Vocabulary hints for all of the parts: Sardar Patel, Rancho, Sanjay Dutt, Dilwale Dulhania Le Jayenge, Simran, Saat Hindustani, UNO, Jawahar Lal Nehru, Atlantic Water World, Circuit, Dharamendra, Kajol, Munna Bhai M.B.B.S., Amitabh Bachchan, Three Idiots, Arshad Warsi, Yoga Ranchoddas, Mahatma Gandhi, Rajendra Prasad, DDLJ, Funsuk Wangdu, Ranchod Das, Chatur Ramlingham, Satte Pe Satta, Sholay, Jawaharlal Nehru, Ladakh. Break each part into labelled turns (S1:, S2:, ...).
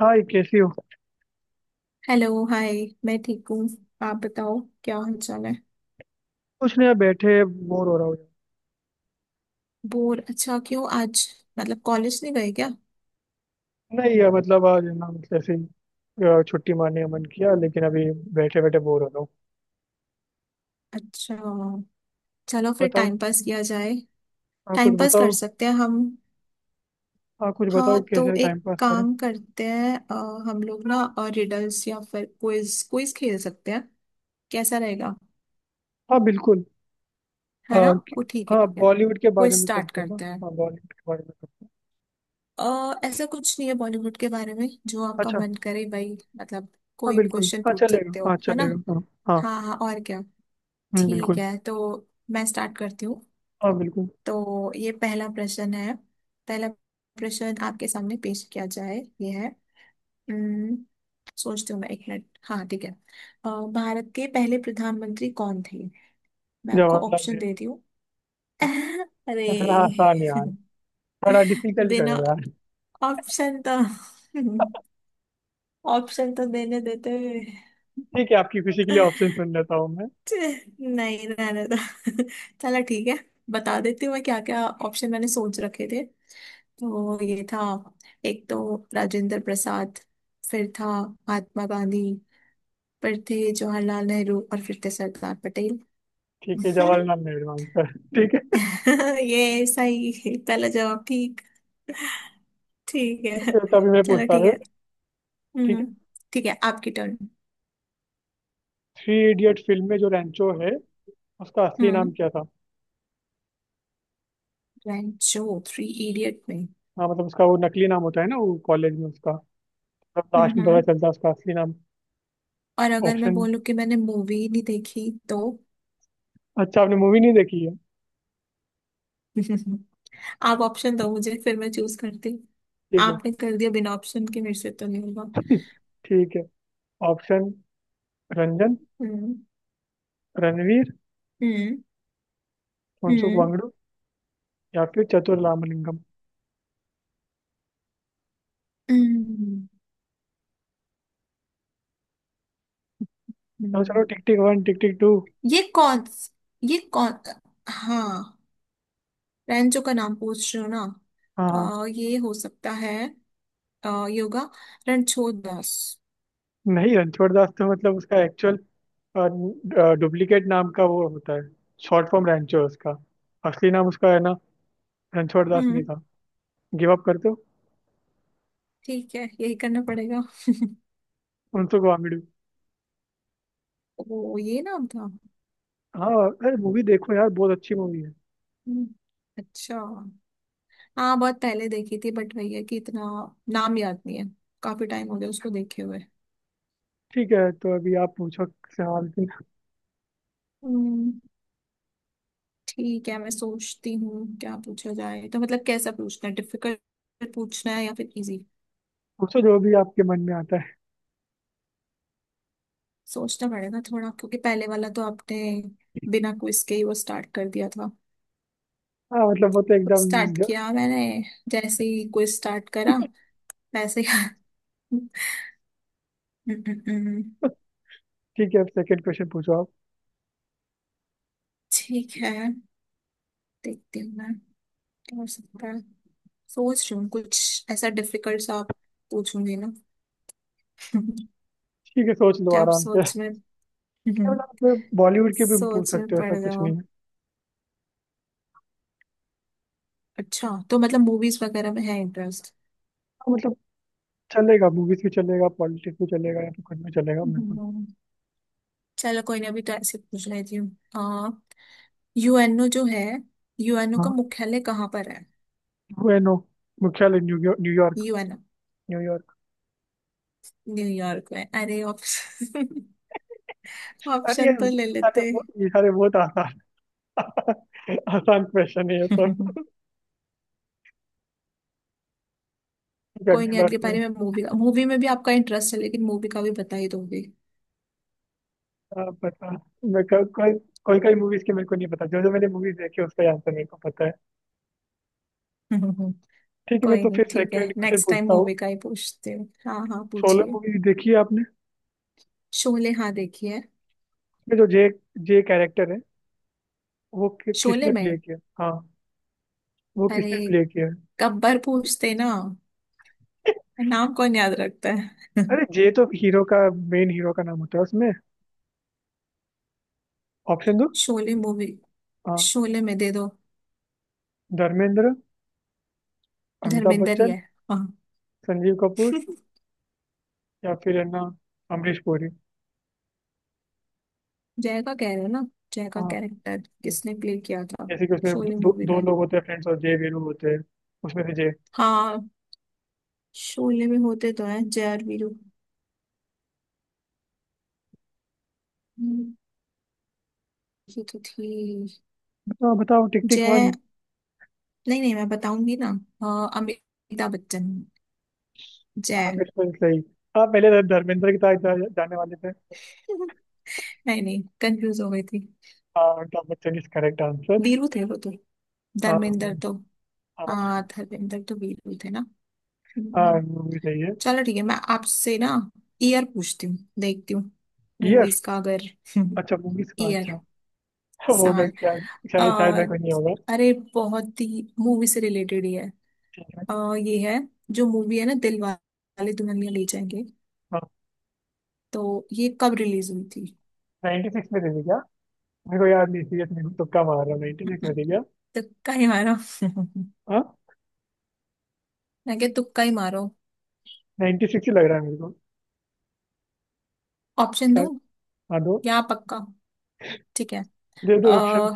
S1: हाय, कैसी हो?
S2: Hello hi. मैं ठीक हूँ। आप बताओ, क्या हाल चाल है?
S1: कुछ नहीं यार, बैठे बोर हो रहा हूँ यार।
S2: बोर? अच्छा क्यों आज? मतलब कॉलेज नहीं गए क्या?
S1: नहीं यार, मतलब आज है ना, मतलब ऐसे ही छुट्टी मारने का मन किया, लेकिन अभी बैठे बैठे बोर हो रहा हूँ।
S2: अच्छा, चलो फिर
S1: बताओ।
S2: टाइम पास किया जाए।
S1: हाँ, कुछ
S2: टाइम पास कर
S1: बताओ।
S2: सकते हैं हम।
S1: हाँ, कुछ बताओ,
S2: हाँ तो
S1: कैसे
S2: एक
S1: टाइम पास करें।
S2: काम करते हैं, हम लोग ना और रिडल्स या फिर क्विज क्विज खेल सकते हैं। कैसा रहेगा?
S1: हाँ बिल्कुल। अ,
S2: है ना,
S1: कि-
S2: वो ठीक है।
S1: हाँ,
S2: ठीक है,
S1: बॉलीवुड के
S2: क्विज
S1: बारे में
S2: स्टार्ट
S1: करते हैं ना।
S2: करते हैं।
S1: हाँ, बॉलीवुड के बारे में करते हैं।
S2: ऐसा कुछ नहीं है, बॉलीवुड के बारे में जो आपका
S1: अच्छा।
S2: मन करे भाई, मतलब
S1: हाँ
S2: कोई भी
S1: बिल्कुल,
S2: क्वेश्चन
S1: हाँ
S2: पूछ
S1: चलेगा,
S2: सकते
S1: हाँ
S2: हो, है ना।
S1: चलेगा, हाँ। हाँ।
S2: हाँ हाँ, और क्या। ठीक
S1: बिल्कुल।
S2: है तो मैं स्टार्ट करती हूँ।
S1: हाँ बिल्कुल।
S2: तो ये पहला प्रश्न है। पहला प्रश्न आपके सामने पेश किया जाए ये है। अम्म, सोचती हूँ मैं एक मिनट, हाँ ठीक है। भारत के पहले प्रधानमंत्री कौन थे? मैं आपको ऑप्शन
S1: जवाहरलाल
S2: देती हूँ। अरे,
S1: नेहरू। हाँ, आसान यार। थोड़ा डिफिकल्ट
S2: बिना
S1: करो यार।
S2: ऑप्शन तो ऑप्शन तो देने देते हुए।
S1: ठीक है, आपकी खुशी के लिए ऑप्शन सुन लेता हूँ।
S2: छे, नहीं रहने दो। चलो ठीक है, बता देती हूँ मैं क्या क्या ऑप्शन मैंने सोच रखे थे। तो ये था, एक तो राजेंद्र प्रसाद, फिर था महात्मा गांधी, फिर थे जवाहरलाल नेहरू, और फिर थे सरदार पटेल।
S1: ठीक है, जवाहरलाल नेहरू आंसर। ठीक है,
S2: ये सही है। पहला जवाब ठीक। ठीक है,
S1: तो तभी मैं
S2: चलो
S1: पूछता
S2: ठीक
S1: हूँ।
S2: है।
S1: ठीक
S2: हम्म,
S1: है।
S2: ठीक है आपकी टर्न।
S1: थ्री इडियट फिल्म में जो रैंचो है, उसका असली नाम
S2: हम्म,
S1: क्या था?
S2: रैंक जो थ्री इडियट में।
S1: हाँ मतलब, उसका वो नकली नाम होता है ना, वो कॉलेज में उसका। लास्ट
S2: हम्म
S1: में पता
S2: हम्म।
S1: चलता है उसका असली नाम।
S2: और अगर मैं
S1: ऑप्शन?
S2: बोलूं कि मैंने मूवी ही नहीं देखी तो?
S1: अच्छा, आपने मूवी नहीं देखी है।
S2: आप ऑप्शन दो मुझे, फिर मैं चूज करती।
S1: ठीक है।
S2: आपने कर दिया, बिना ऑप्शन के मेरे से तो नहीं होगा।
S1: ठीक है। ऑप्शन। रंजन,
S2: हम्म।
S1: रणवीर,
S2: हम्म
S1: फुनसुक
S2: हम्म
S1: वांगडू या फिर चतुर रामलिंगम।
S2: हम्म,
S1: चलो चलो,
S2: हम्म।
S1: Tick tick one, tick tick two.
S2: ये कौन, ये कौन? हाँ, रैंचो का नाम पूछ रहे हो ना?
S1: हाँ हाँ।
S2: आ, ये हो सकता है, आ, योगा, रणछोड़ दास।
S1: नहीं, रणछोड़ दास तो मतलब उसका एक्चुअल, डुप्लीकेट नाम का वो होता है। शॉर्ट फॉर्म रैंचो है उसका। असली नाम उसका है ना, रणछोड़ दास नहीं
S2: हम्म,
S1: था। गिव अप कर दो।
S2: ठीक है यही करना पड़ेगा।
S1: उनसुक वामिडू।
S2: ओ, ये नाम था।
S1: हाँ, अरे मूवी देखो यार, बहुत अच्छी मूवी है।
S2: हम्म, अच्छा। हाँ बहुत पहले देखी थी, बट वही है कि इतना नाम याद नहीं है। काफी टाइम हो गया उसको देखे हुए।
S1: ठीक है, तो अभी आप पूछो सवाल फिर।
S2: हम्म, ठीक है, मैं सोचती हूँ क्या पूछा जाए। तो मतलब कैसा पूछना है, डिफिकल्ट पूछना है या फिर इजी?
S1: पूछो जो भी आपके मन में आता है।
S2: सोचना पड़ेगा थोड़ा, क्योंकि पहले वाला तो आपने बिना क्विज के ही वो स्टार्ट कर दिया था।
S1: हाँ मतलब वो तो
S2: खुद
S1: एकदम।
S2: स्टार्ट किया मैंने, जैसे ही क्विज स्टार्ट करा वैसे ही हम्म,
S1: ठीक है, अब सेकंड क्वेश्चन पूछो आप।
S2: ठीक है देखती हूँ मैं क्या हो सकता है। सोच रही हूँ कुछ ऐसा डिफिकल्ट सा आप पूछूंगी ना।
S1: ठीक है, सोच लो
S2: क्या आप
S1: आराम से।
S2: सोच में
S1: मतलब बॉलीवुड के भी पूछ
S2: सोच
S1: सकते
S2: में
S1: हो, ऐसा
S2: पड़
S1: कुछ
S2: जाओ।
S1: नहीं है।
S2: अच्छा तो मतलब मूवीज वगैरह में है इंटरेस्ट?
S1: हाँ, मतलब चलेगा, मूवीज भी चलेगा, पॉलिटिक्स भी चलेगा या फिर कुछ भी चलेगा बिल्कुल।
S2: हम्म। चलो कोई ना, अभी तो ऐसे पूछ लेती हूँ। आ, यूएनओ जो है, यूएनओ का
S1: हाँ।
S2: मुख्यालय कहाँ पर है?
S1: बुएनो। मुख्यालय New York, New York,
S2: UNO
S1: New York.
S2: New York में? अरे ऑप्शन,
S1: अरे ये,
S2: ऑप्शन तो ले
S1: अरे
S2: लेते।
S1: वो ये सारे बहुत आसान। आसान क्वेश्चन है ये सब। ठीक है,
S2: कोई
S1: अगली
S2: नहीं,
S1: बार
S2: अगली
S1: से।
S2: बारी में मूवी का। मूवी में भी आपका इंटरेस्ट है, लेकिन मूवी का भी बता ही दोगे।
S1: आप बता, मैं को, कोई कोई कोई मूवीज के मेरे को नहीं पता, जो जो मैंने मूवीज देखी है, उसका आंसर मेरे को पता है। ठीक है, मैं
S2: कोई
S1: तो
S2: नहीं,
S1: फिर
S2: ठीक है
S1: सेकंड क्वेश्चन
S2: नेक्स्ट टाइम
S1: पूछता हूँ।
S2: मूवी का ही पूछते हो। हाँ हाँ,
S1: सोलो
S2: पूछिए।
S1: मूवी देखी है आपने?
S2: शोले? हाँ देखिए।
S1: उसमें जो जे जे कैरेक्टर है, वो
S2: शोले
S1: किसने प्ले
S2: में,
S1: किया? हाँ, वो
S2: अरे
S1: किसने प्ले किया है?
S2: गब्बर पूछते ना, नाम कौन याद रखता है।
S1: अरे, जे तो हीरो का, मेन हीरो का नाम होता है उसमें। ऑप्शन दो।
S2: शोले मूवी,
S1: हाँ,
S2: शोले में दे दो।
S1: धर्मेंद्र, अमिताभ
S2: धर्मेंद्र ही
S1: बच्चन,
S2: है हाँ।
S1: संजीव कपूर या फिर है ना, अमरीश पुरी।
S2: जय का कह रहे हो ना? जय का
S1: हाँ
S2: कैरेक्टर किसने प्ले किया था,
S1: जैसे कि उसमें
S2: शोले
S1: दो,
S2: मूवी
S1: दो
S2: में?
S1: लोग होते हैं, फ्रेंड्स, और जय वीरू होते हैं, उसमें से जय।
S2: हाँ, शोले में होते तो हैं जय और वीरू। हम्म, ये तो थी।
S1: बताओ बताओ, टिक टिक वन।
S2: जय, नहीं नहीं मैं बताऊंगी ना। हाँ, अमिताभ बच्चन,
S1: हाँ
S2: जय।
S1: बिल्कुल सही। आप पहले तो धर्मेंद्र की तरफ जाने वाले थे।
S2: नहीं नहीं कंफ्यूज हो गई थी।
S1: हाँ, Amitabh Bachchan is correct answer.
S2: Veeru थे वो तो।
S1: हाँ
S2: धर्मेंद्र तो,
S1: हाँ।
S2: हाँ धर्मेंद्र तो वीरू थे ना।
S1: हाँ, मूवी सही है।
S2: चलो ठीक है, मैं आपसे ना ईयर पूछती हूँ, देखती हूँ
S1: ईयर?
S2: मूवीज का अगर।
S1: अच्छा, मूवीज का, अच्छा।
S2: ईयर,
S1: वो मैं
S2: साल।
S1: क्या?
S2: आ,
S1: शायद शायद मैं कोई नहीं होगा।
S2: अरे बहुत ही मूवी से रिलेटेड ही है।
S1: ठीक है।
S2: आ, ये है, जो मूवी है ना दिल वाले दुल्हनिया ले जाएंगे,
S1: हाँ,
S2: तो ये कब रिलीज हुई थी?
S1: 96 में दे दी क्या? मेरे को याद नहीं, सीरियस, मेरे को तुक्का मार रहा हूँ, 96 में दे दिया।
S2: तुक्का ही मारो।
S1: हाँ।
S2: मैं क्या, तुक्का ही मारो।
S1: 96 ही लग रहा है मेरे को।
S2: ऑप्शन दूं
S1: शायद। हाँ दो,
S2: या पक्का? ठीक है,
S1: दे दो ऑप्शन।
S2: आ,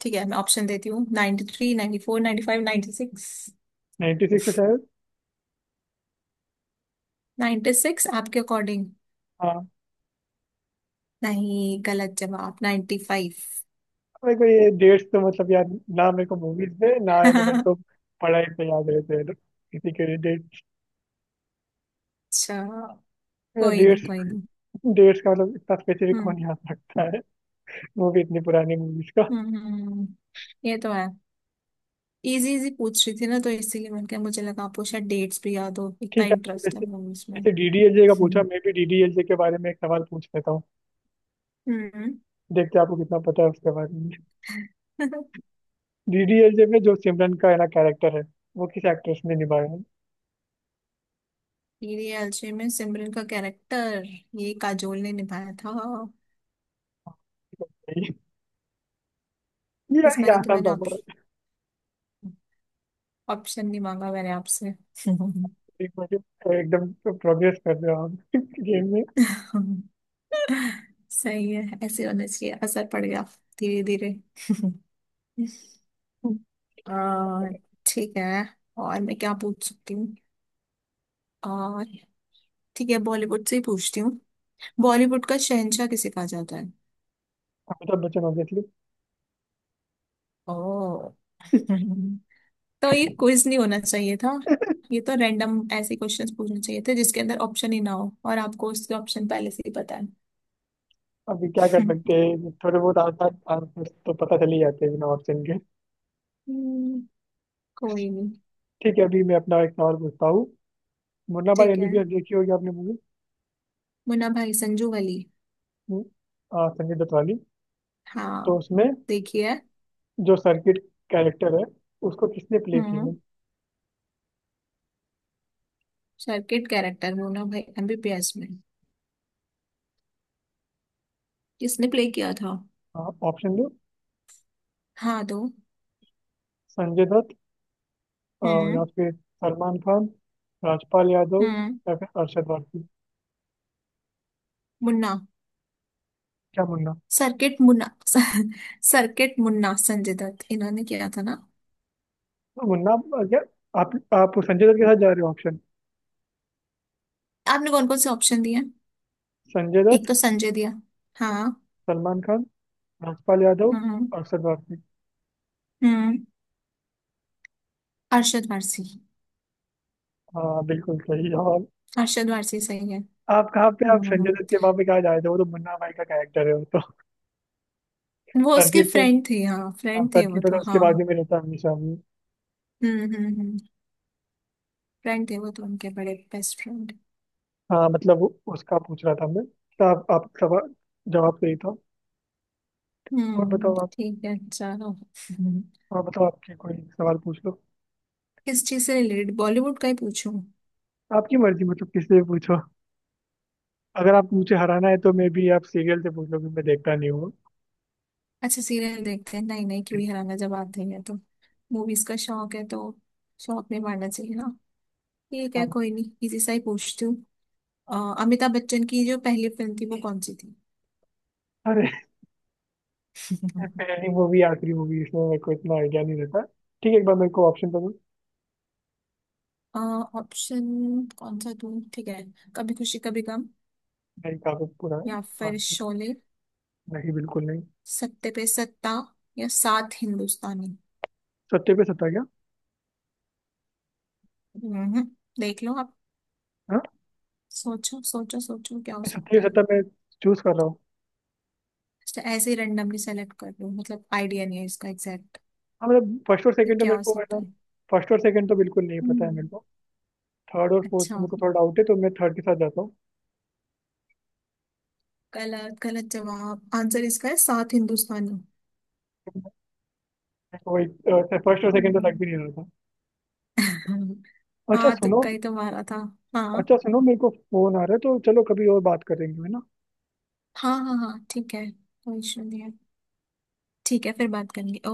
S2: ठीक है मैं ऑप्शन देती हूँ। 93, three ninety four, ninety five, ninety six.
S1: 96 है शायद।
S2: नाइन्टी सिक्स आपके अकॉर्डिंग?
S1: हाँ।
S2: नहीं, गलत जवाब, 95 फाइव।
S1: मेरे को ये डेट्स तो मतलब यार, ना मेरे को मूवीज पे, ना है ना मेरे
S2: अच्छा,
S1: को पढ़ाई पे याद रहते हैं किसी के डेट्स।
S2: कोई नहीं,
S1: डेट्स
S2: कोई नहीं।
S1: डेट्स का मतलब इतना स्पेसिफिक
S2: हम्म
S1: कौन याद रखता है? वो भी इतनी पुरानी मूवीज का।
S2: हम्म हम्म, हम्म। ये तो है, इजी इजी पूछ रही थी ना, तो इसीलिए मैंने कहा मुझे लगा आपको शायद डेट्स भी याद हो, इतना
S1: ठीक है,
S2: इंटरेस्ट है
S1: जैसे
S2: मूवीज में।
S1: जैसे डीडीएलजे का पूछा, मैं भी डीडीएलजे के बारे में एक सवाल पूछ लेता हूँ।
S2: हम्म,
S1: देखते हैं आपको कितना पता है उसके बारे में। डीडीएलजे में जो सिमरन का है ना कैरेक्टर है, वो किस एक्ट्रेस ने निभाया है?
S2: टीडी एलजे में सिमरन का कैरेक्टर ये काजोल ने निभाया था।
S1: ये
S2: इस
S1: ये
S2: बारे तो
S1: आसान
S2: मैंने
S1: था
S2: ऑप्शन,
S1: बहुत।
S2: ऑप्शन नहीं मांगा मैंने आपसे।
S1: एक बार एकदम प्रोग्रेस कर रहे हो आप गेम में।
S2: सही है, ऐसे होना चाहिए, असर पड़ गया धीरे धीरे। अ, ठीक है, और मैं क्या पूछ सकती हूँ? और ठीक है, बॉलीवुड से ही पूछती हूँ। बॉलीवुड का शहंशाह किसे कहा जाता है?
S1: अमिताभ बच्चन ऑब्वियसली।
S2: ओ, तो ये क्विज नहीं होना चाहिए था। ये तो रैंडम ऐसे क्वेश्चंस पूछने चाहिए थे, जिसके अंदर ऑप्शन ही ना हो, और आपको उसके ऑप्शन पहले से ही पता है।
S1: अभी क्या कर सकते हैं, थोड़े बहुत आसान आंसर तो पता चल ही जाते हैं बिना ऑप्शन के।
S2: हम्म, कोई नहीं,
S1: ठीक है, अभी मैं अपना एक सवाल पूछता हूँ। मुन्ना भाई
S2: ठीक है।
S1: एमबीबीएस देखी होगी आपने मूवी।
S2: मुन्ना भाई, संजू वली?
S1: संजय दत्त वाली। तो
S2: हाँ
S1: उसमें
S2: देखिए।
S1: जो सर्किट कैरेक्टर है, उसको किसने प्ले किया
S2: हम्म,
S1: है?
S2: Circuit character Munna Bhai MBBS में किसने प्ले किया था?
S1: ऑप्शन दो।
S2: हाँ दो।
S1: संजय दत्त, अ, या
S2: हम्म।
S1: फिर सलमान खान, राजपाल यादव
S2: हम्म,
S1: या फिर अरशद वारसी।
S2: मुन्ना,
S1: क्या मुन्ना?
S2: सर्किट मुन्ना। सर्किट, मुन्ना संजय दत्त, इन्होंने किया था ना।
S1: तो मुन्ना क्या, आप संजय दत्त के साथ जा रहे हो? ऑप्शन।
S2: आपने कौन कौन से ऑप्शन दिए?
S1: संजय
S2: एक
S1: दत्त,
S2: तो संजय दिया हाँ।
S1: सलमान खान, राजपाल यादव,
S2: हम्म।
S1: अक्षर भारती।
S2: हम्म, अरशद वारसी।
S1: हाँ बिल्कुल सही जवाब।
S2: अरशद वारसी सही है।
S1: आप कहाँ पे, आप संजय
S2: हम्म,
S1: दत्त के पापा कहाँ जाए थे? वो तो मुन्ना भाई का कैरेक्टर है वो तो।
S2: वो उसके
S1: सर्किट तो।
S2: फ्रेंड थे, हाँ
S1: हाँ,
S2: फ्रेंड थे वो
S1: सर्किट होता
S2: तो
S1: है, उसके
S2: हाँ।
S1: बाजू में रहता है हमेशा वो।
S2: हम्म, फ्रेंड थे वो तो उनके, बड़े बेस्ट फ्रेंड।
S1: हाँ मतलब उसका पूछ रहा था मैं तो। आप सवाल। जवाब सही था। और
S2: हम्म,
S1: बताओ आप।
S2: ठीक है चलो।
S1: हाँ बताओ, आपके कोई सवाल पूछ लो।
S2: किस चीज से रिलेटेड, बॉलीवुड का ही पूछूं?
S1: आपकी मर्जी, मतलब किससे भी पूछो। अगर आप मुझे हराना है, तो मैं भी आप सीरियल से पूछ लो, क्योंकि मैं देखता नहीं हूँ।
S2: अच्छा, सीरियल देखते हैं? नहीं नहीं, क्यों ही हराना, जब आते हैं तो मूवीज का शौक है तो, शौक नहीं मारना चाहिए हाँ। ठीक है,
S1: हाँ।
S2: कोई नहीं, इसी से ही पूछती हूँ। अमिताभ बच्चन की जो पहली फिल्म थी वो कौन सी थी?
S1: अरे पहली मूवी, आखिरी मूवी, इसमें मेरे को इतना आइडिया नहीं रहता। ठीक है, एक बार मेरे को ऑप्शन दो।
S2: ऑप्शन कौन सा दूँ? ठीक है। कभी खुशी कभी गम,
S1: नहीं, काफी
S2: या
S1: पुराना।
S2: फिर शोले,
S1: नहीं, बिल्कुल नहीं।
S2: सत्ते पे सत्ता, या सात हिंदुस्तानी।
S1: सत्ते पे सत्ता, क्या?
S2: हम्म, देख लो आप।
S1: हाँ,
S2: सोचो सोचो सोचो, क्या हो
S1: सत्ते
S2: सकता
S1: पे
S2: है।
S1: सत्ता मैं चूज कर रहा हूँ।
S2: अच्छा, ऐसे ही randomly सेलेक्ट कर लो, मतलब आइडिया नहीं है इसका एग्जैक्ट?
S1: हाँ मतलब, फर्स्ट और
S2: ये
S1: सेकंड तो
S2: क्या
S1: मेरे
S2: हो
S1: को है
S2: सकता
S1: ना।
S2: है?
S1: फर्स्ट और सेकंड तो बिल्कुल नहीं पता है
S2: हम्म,
S1: मेरे को। थर्ड और फोर्थ
S2: अच्छा।
S1: में मेरे को थोड़ा डाउट है, तो मैं थर्ड के साथ जाता हूँ।
S2: गलत, गलत जवाब। आंसर इसका है सात हिंदुस्तानी।
S1: तो वही, फर्स्ट और सेकंड तो लग
S2: हम्म,
S1: भी नहीं रहा था। अच्छा
S2: हाँ
S1: सुनो।
S2: तुक्का ही तो मारा था। हाँ
S1: अच्छा सुनो, मेरे को फोन आ रहा है, तो चलो कभी और बात करेंगे, है ना?
S2: हाँ हाँ, हाँ ठीक है, कोई इशू नहीं है। ठीक है, फिर बात करेंगे।